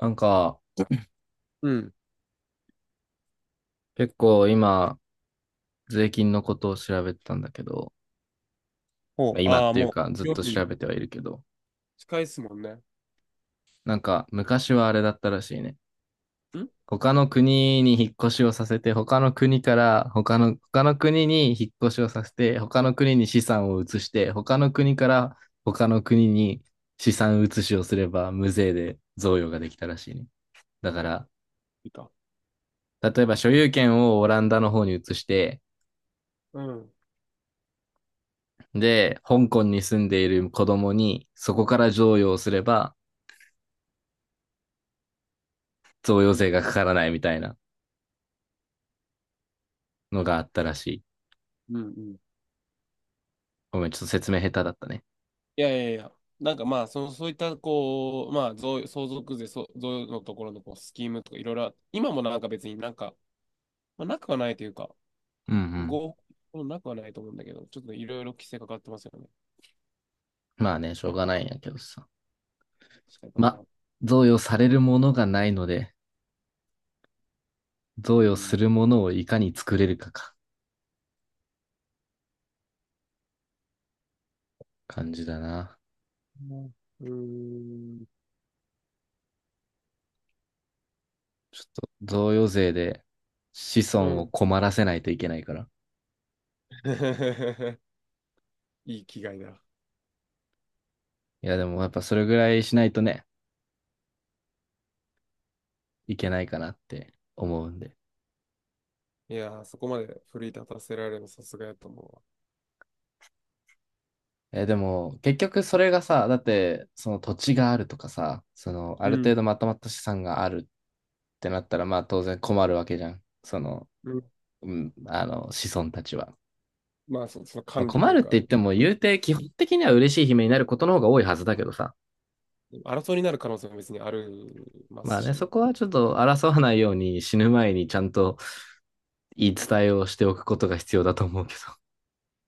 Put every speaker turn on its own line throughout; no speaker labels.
なんか、
うん。
結構今、税金のことを調べてたんだけど、
ほ
まあ
う、
今
あ
っ
あ、
ていう
も
か
う、
ずっ
料
と
理
調べてはいるけど、
近いっすもんね。
なんか昔はあれだったらしいね。
ん、
他の国に引っ越しをさせて、他の国から他の国に引っ越しをさせて、他の国に資産を移して、他の国から他の国に資産移しをすれば無税で贈与ができたらしいね。だから、
いいか。
例えば所有権をオランダの方に移して、
うん。
で、香港に住んでいる子供に、そこから贈与をすれば、贈与税がかからないみたいなのがあったらしい。
うんうん。
ごめん、ちょっと説明下手だったね。
いやいやいや。なんかまあ、その、そういった、こう、まあ、贈相続税、そう贈与のところのこうスキームとかいろいろあ、今もなんか別になんか、まあ、なくはないというか、
うんうん。
合法もなくはないと思うんだけど、ちょっといろいろ規制かかってますよね。
まあね、しょうがないんやけどさ。
確かにな
ま、
んか。
贈与されるものがないので、
う
贈与す
ん。
るものをいかに作れるかか、感じだな。
うん。
ちょっと、贈与税で子
う
孫を
ん。
困らせないといけないから。
いい気概だ。
いや、でもやっぱそれぐらいしないとね、いけないかなって思うんで。
いやー、そこまで奮い立たせられるのさすがやと思うわ。
え、でも、結局それがさ、だって、その土地があるとかさ、その、あ
う
る程
ん。
度まとまった資産があるってなったら、まあ当然困るわけじゃん。その、うん、子孫たちは。
まあそ、その
まあ、
管理と
困
いう
るっ
か、
て言っても、言うて、基本的には嬉しい悲鳴になることの方が多いはずだけどさ。
争いになる可能性も別にありま
ま
す
あね、そ
し、
こはちょっと争わないように死ぬ前にちゃんと言い伝えをしておくことが必要だと思うけど。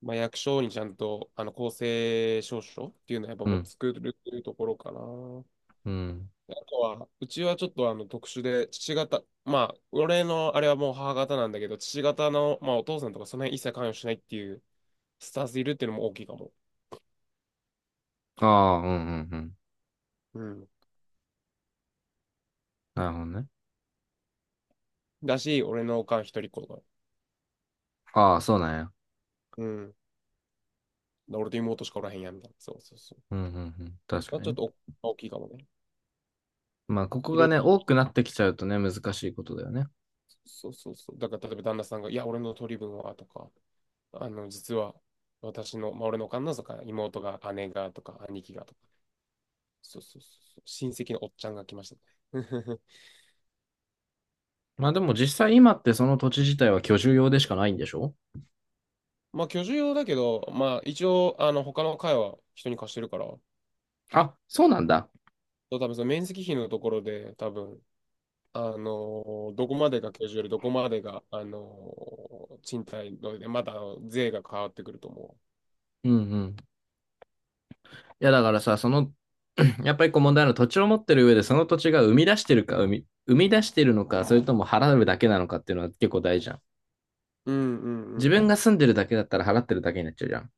まあ、役所にちゃんとあの公正証書っていうのはやっぱ
う
もう
ん。
作るっていうところかな。あ
うん。
とは、うちはちょっとあの特殊で、父方、まあ、俺のあれはもう母方なんだけど、父方の、まあ、お父さんとかその辺一切関与しないっていうスタンスいるっていうのも大きいかも。
ああ、うんうんうん。
うん。
なるほどね。
だし、俺のおかん一人っ子とか、
ああ、そうなんや。
うん。俺と妹しかおらへんやんみたいな。そうそうそう。
うんうんうん。確
まあ、
か
ち
に
ょっ
ね。
とお大きいかもね。
まあ、ここ
い
が
ろい
ね、
ろ
多くなってきちゃうとね、難しいことだよね。
そうそうそう。だから例えば旦那さんが、いや、俺の取り分はとか、あの、実は私の、まあ、俺のおかんのとか、妹が、姉がとか、兄貴がとか、そうそうそうそう、親戚のおっちゃんが来ましたね。
まあ、でも実際今ってその土地自体は居住用でしかないんでしょ。
まあ、居住用だけど、まあ、一応、あの、他の階は人に貸してるから、
あ、そうなんだ。
多分その面積比のところで、多分、あのどこまでが居住よりどこまでが、あの賃貸ので、まだあの税が変わってくると思
うんうん。いや、だからさ、その、やっぱりこう問題なのは土地を持ってる上でその土地が生み出してるか、生み出してるのか、それとも払うだけなのかっていうのは結構大事じゃん。
う。うんうんう
自
ん。
分が住んでるだけだったら払ってるだけになっちゃうじゃん。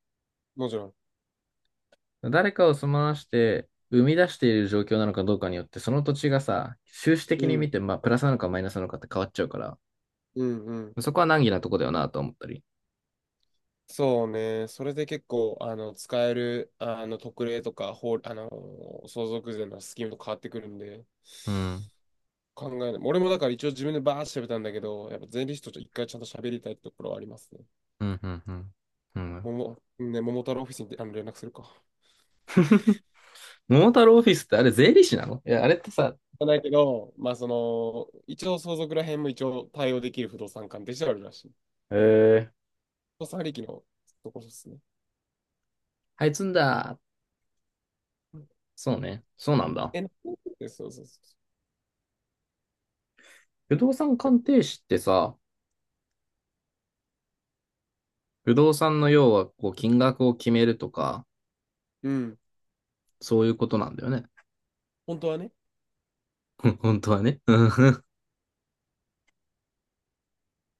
もちろん。
誰かを住まわして、生み出している状況なのかどうかによって、その土地がさ、収支的
う
に見
ん
て、まあ、プラスなのかマイナスなのかって変わっちゃうから、
うんうん。
そこは難儀なとこだよなと思ったり。
そうね。それで結構、あの、使える、あの、特例とか、法、あの、相続税のスキームと変わってくるんで、
うん。
考えない。俺もだから一応自分でバーッて喋ったんだけど、やっぱ税理士とちょっと一回ちゃんと喋りたいってところはありますね。
うん、うん、うん。うん。
もも、ね、桃太郎オフィスにあの連絡するか。
桃太郎オフィスってあれ税理士なの？いや、あれってさ、
じゃないけど、まあその、一応相続ら辺も一応対応できる不動産関係してあるらしい。
へえー、
不動産利益のところですね。
はいつんだ。
うん、
そうね。そうなんだ。
え、な、そうそうそうそ
不動産鑑
う。
定士ってさ、不動産の要はこう金額を決めるとか、
うん、
そういうことなんだよね。
本当はね。
本当はね。うん。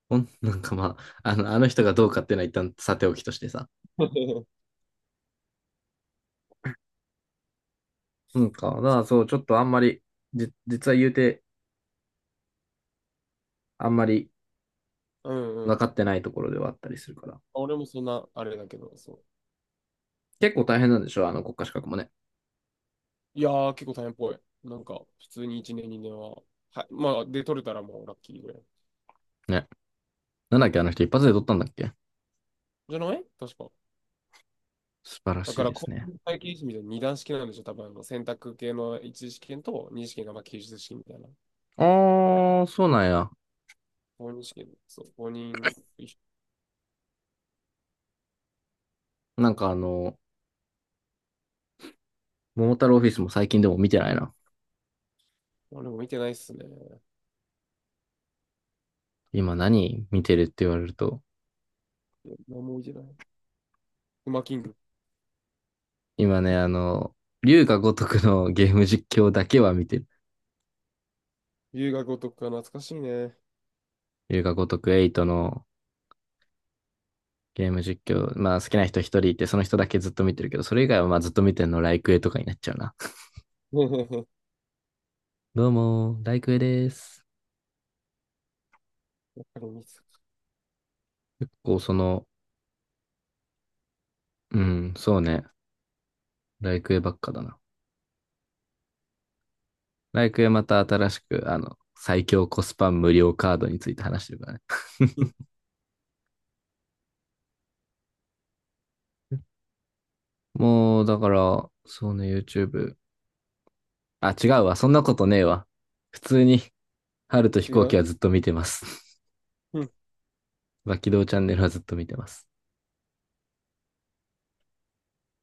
ほんなんかまあ、あの人がどうかっていうのは一旦さておきとしてさ。うんか、だからそう、ちょっとあんまり、実は言うて、あんまり
うんう
分
ん。
かってないところではあったりするから。
俺もそんな、あれだけど、そ
結構大変なんでしょ、あの国家資格もね。
う。いやー、結構大変っぽい。なんか、普通に1年、2年は、はい、まあ、で、取れたらもうラッキーぐらい。
ね、なんだっけ、あの人一発で取ったんだっけ。
じゃない確か。
素晴ら
だ
し
か
い
ら、
です
公
ね。
認会計士みたいな二段式なんでしょ多分、あの、選択系の一次試験と二次試験が、まあ、記述試験みたいな。
あー、そうなんや。
公認試験、そう、公認、
なんかあの、桃太郎オフィスも最近でも見てないな。
あれも見てないっすね。い
今何見てるって言われると。
や何も見てない。ウマキング。
今ね、あの、龍が如くのゲーム実況だけは見てる。
留学お得か懐かしいね。
龍が如くトのゲーム実況。まあ好きな人一人いて、その人だけずっと見てるけど、それ以外はまあずっと見てるのライクエとかになっちゃうな。
あ
どうも、ライクエです。
れ見てた。
結構その、うん、そうね。ライクエばっかだな。ライクへまた新しく、あの、最強コスパ無料カードについて話してるからね。
うん。
もう、だから、そうね、YouTube。あ、違うわ。そんなことねえわ。普通に、春と飛
違
行機
う。
はずっと見てます。
うん、
バキドーチャンネルはずっと見てます。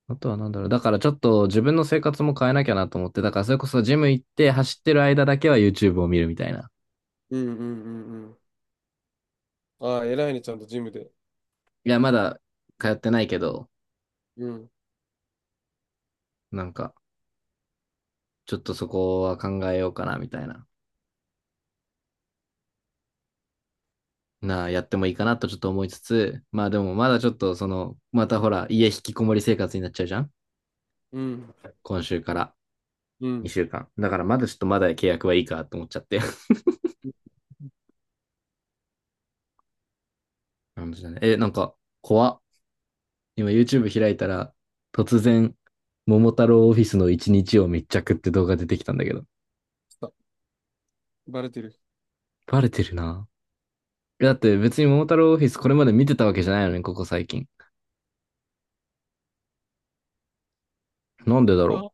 あとはなんだろう。だからちょっと自分の生活も変えなきゃなと思って、だからそれこそジム行って走ってる間だけは YouTube を見るみたいな。
うん、うん、うん。うん、ああ、偉いね、ちゃんとジムで。
いや、まだ通ってないけど、
うん、
なんか、ちょっとそこは考えようかなみたいなな、やってもいいかなとちょっと思いつつ、まあでもまだちょっとその、またほら、家引きこもり生活になっちゃうじゃん、
うん、
今週から
うん。
2週間。だからまだちょっとまだ契約はいいかと思っちゃって。え、なんか、怖っ。今 YouTube 開いたら、突然、桃太郎オフィスの一日を密着って動画出てきたんだけど。
あ、バレてる。
バレてるな。だって別に桃太郎オフィスこれまで見てたわけじゃないのね、ここ最近。なんでだろう。
あ、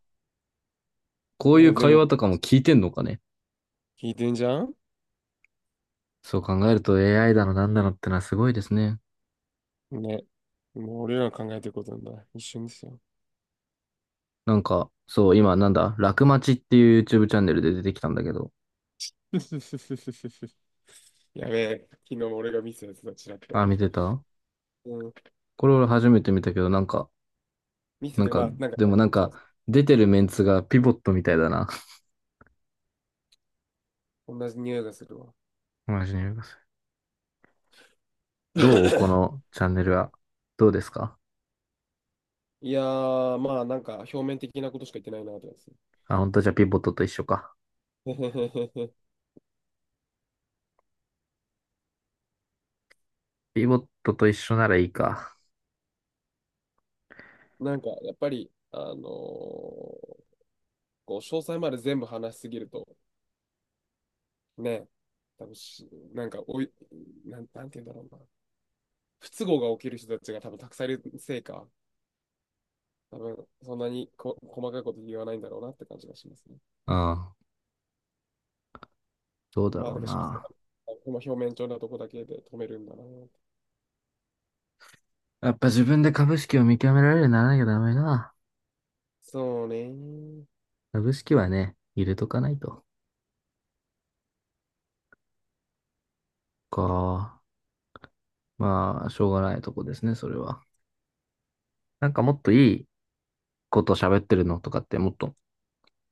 こういう
もうで
会
も、
話とかも聞いてんのかね。
聞いてんじゃん、
そう考えると AI だのなんだのってのはすごいですね。
ね。もう俺らの考えてることなんだ。一瞬ですよ。
なんか、そう、今なんだ、楽町っていう YouTube チャンネルで出てきたんだけど。
やべえ、昨日も俺がミスやつだ、ちらっと。
あ、見てた。
うん、
これ俺初めて見たけど、なんか、
ミスっ
なん
てか
か、
まあ、なんか、
でもなんか、出てるメンツがピボットみたいだな。
同じ匂いがするわ。
マジに言ます。どうこ のチャンネルは。どうですか？
いやー、まあ、なんか、表面的なことしか言ってないな、と思います。
あ、本当じゃあピボットと一緒か。ピボットと一緒ならいいか。
なんか、やっぱり、あのー、こう、詳細まで全部話しすぎると、ね、多分し、なんか、おい、なん、なんて言うんだろうな。不都合が起きる人たちが多分たくさんいるせいか、多分そんなにこ細かいこと言わないんだろうなって感じがしますね。
うん。どうだ
まあ、
ろ
だ
う
か
な。
ら、表面上のとこだけで止めるんだな。
やっぱ自分で株式を見極められるようにならなきゃダメな。
そうね。
株式はね、入れとかないと。か。まあ、しょうがないとこですね、それは。なんかもっといいこと喋ってるのとかってもっと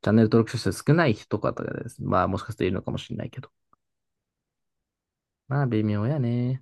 チャンネル登録者数少ない人とかとかです。まあもしかしているのかもしれないけど。まあ微妙やね。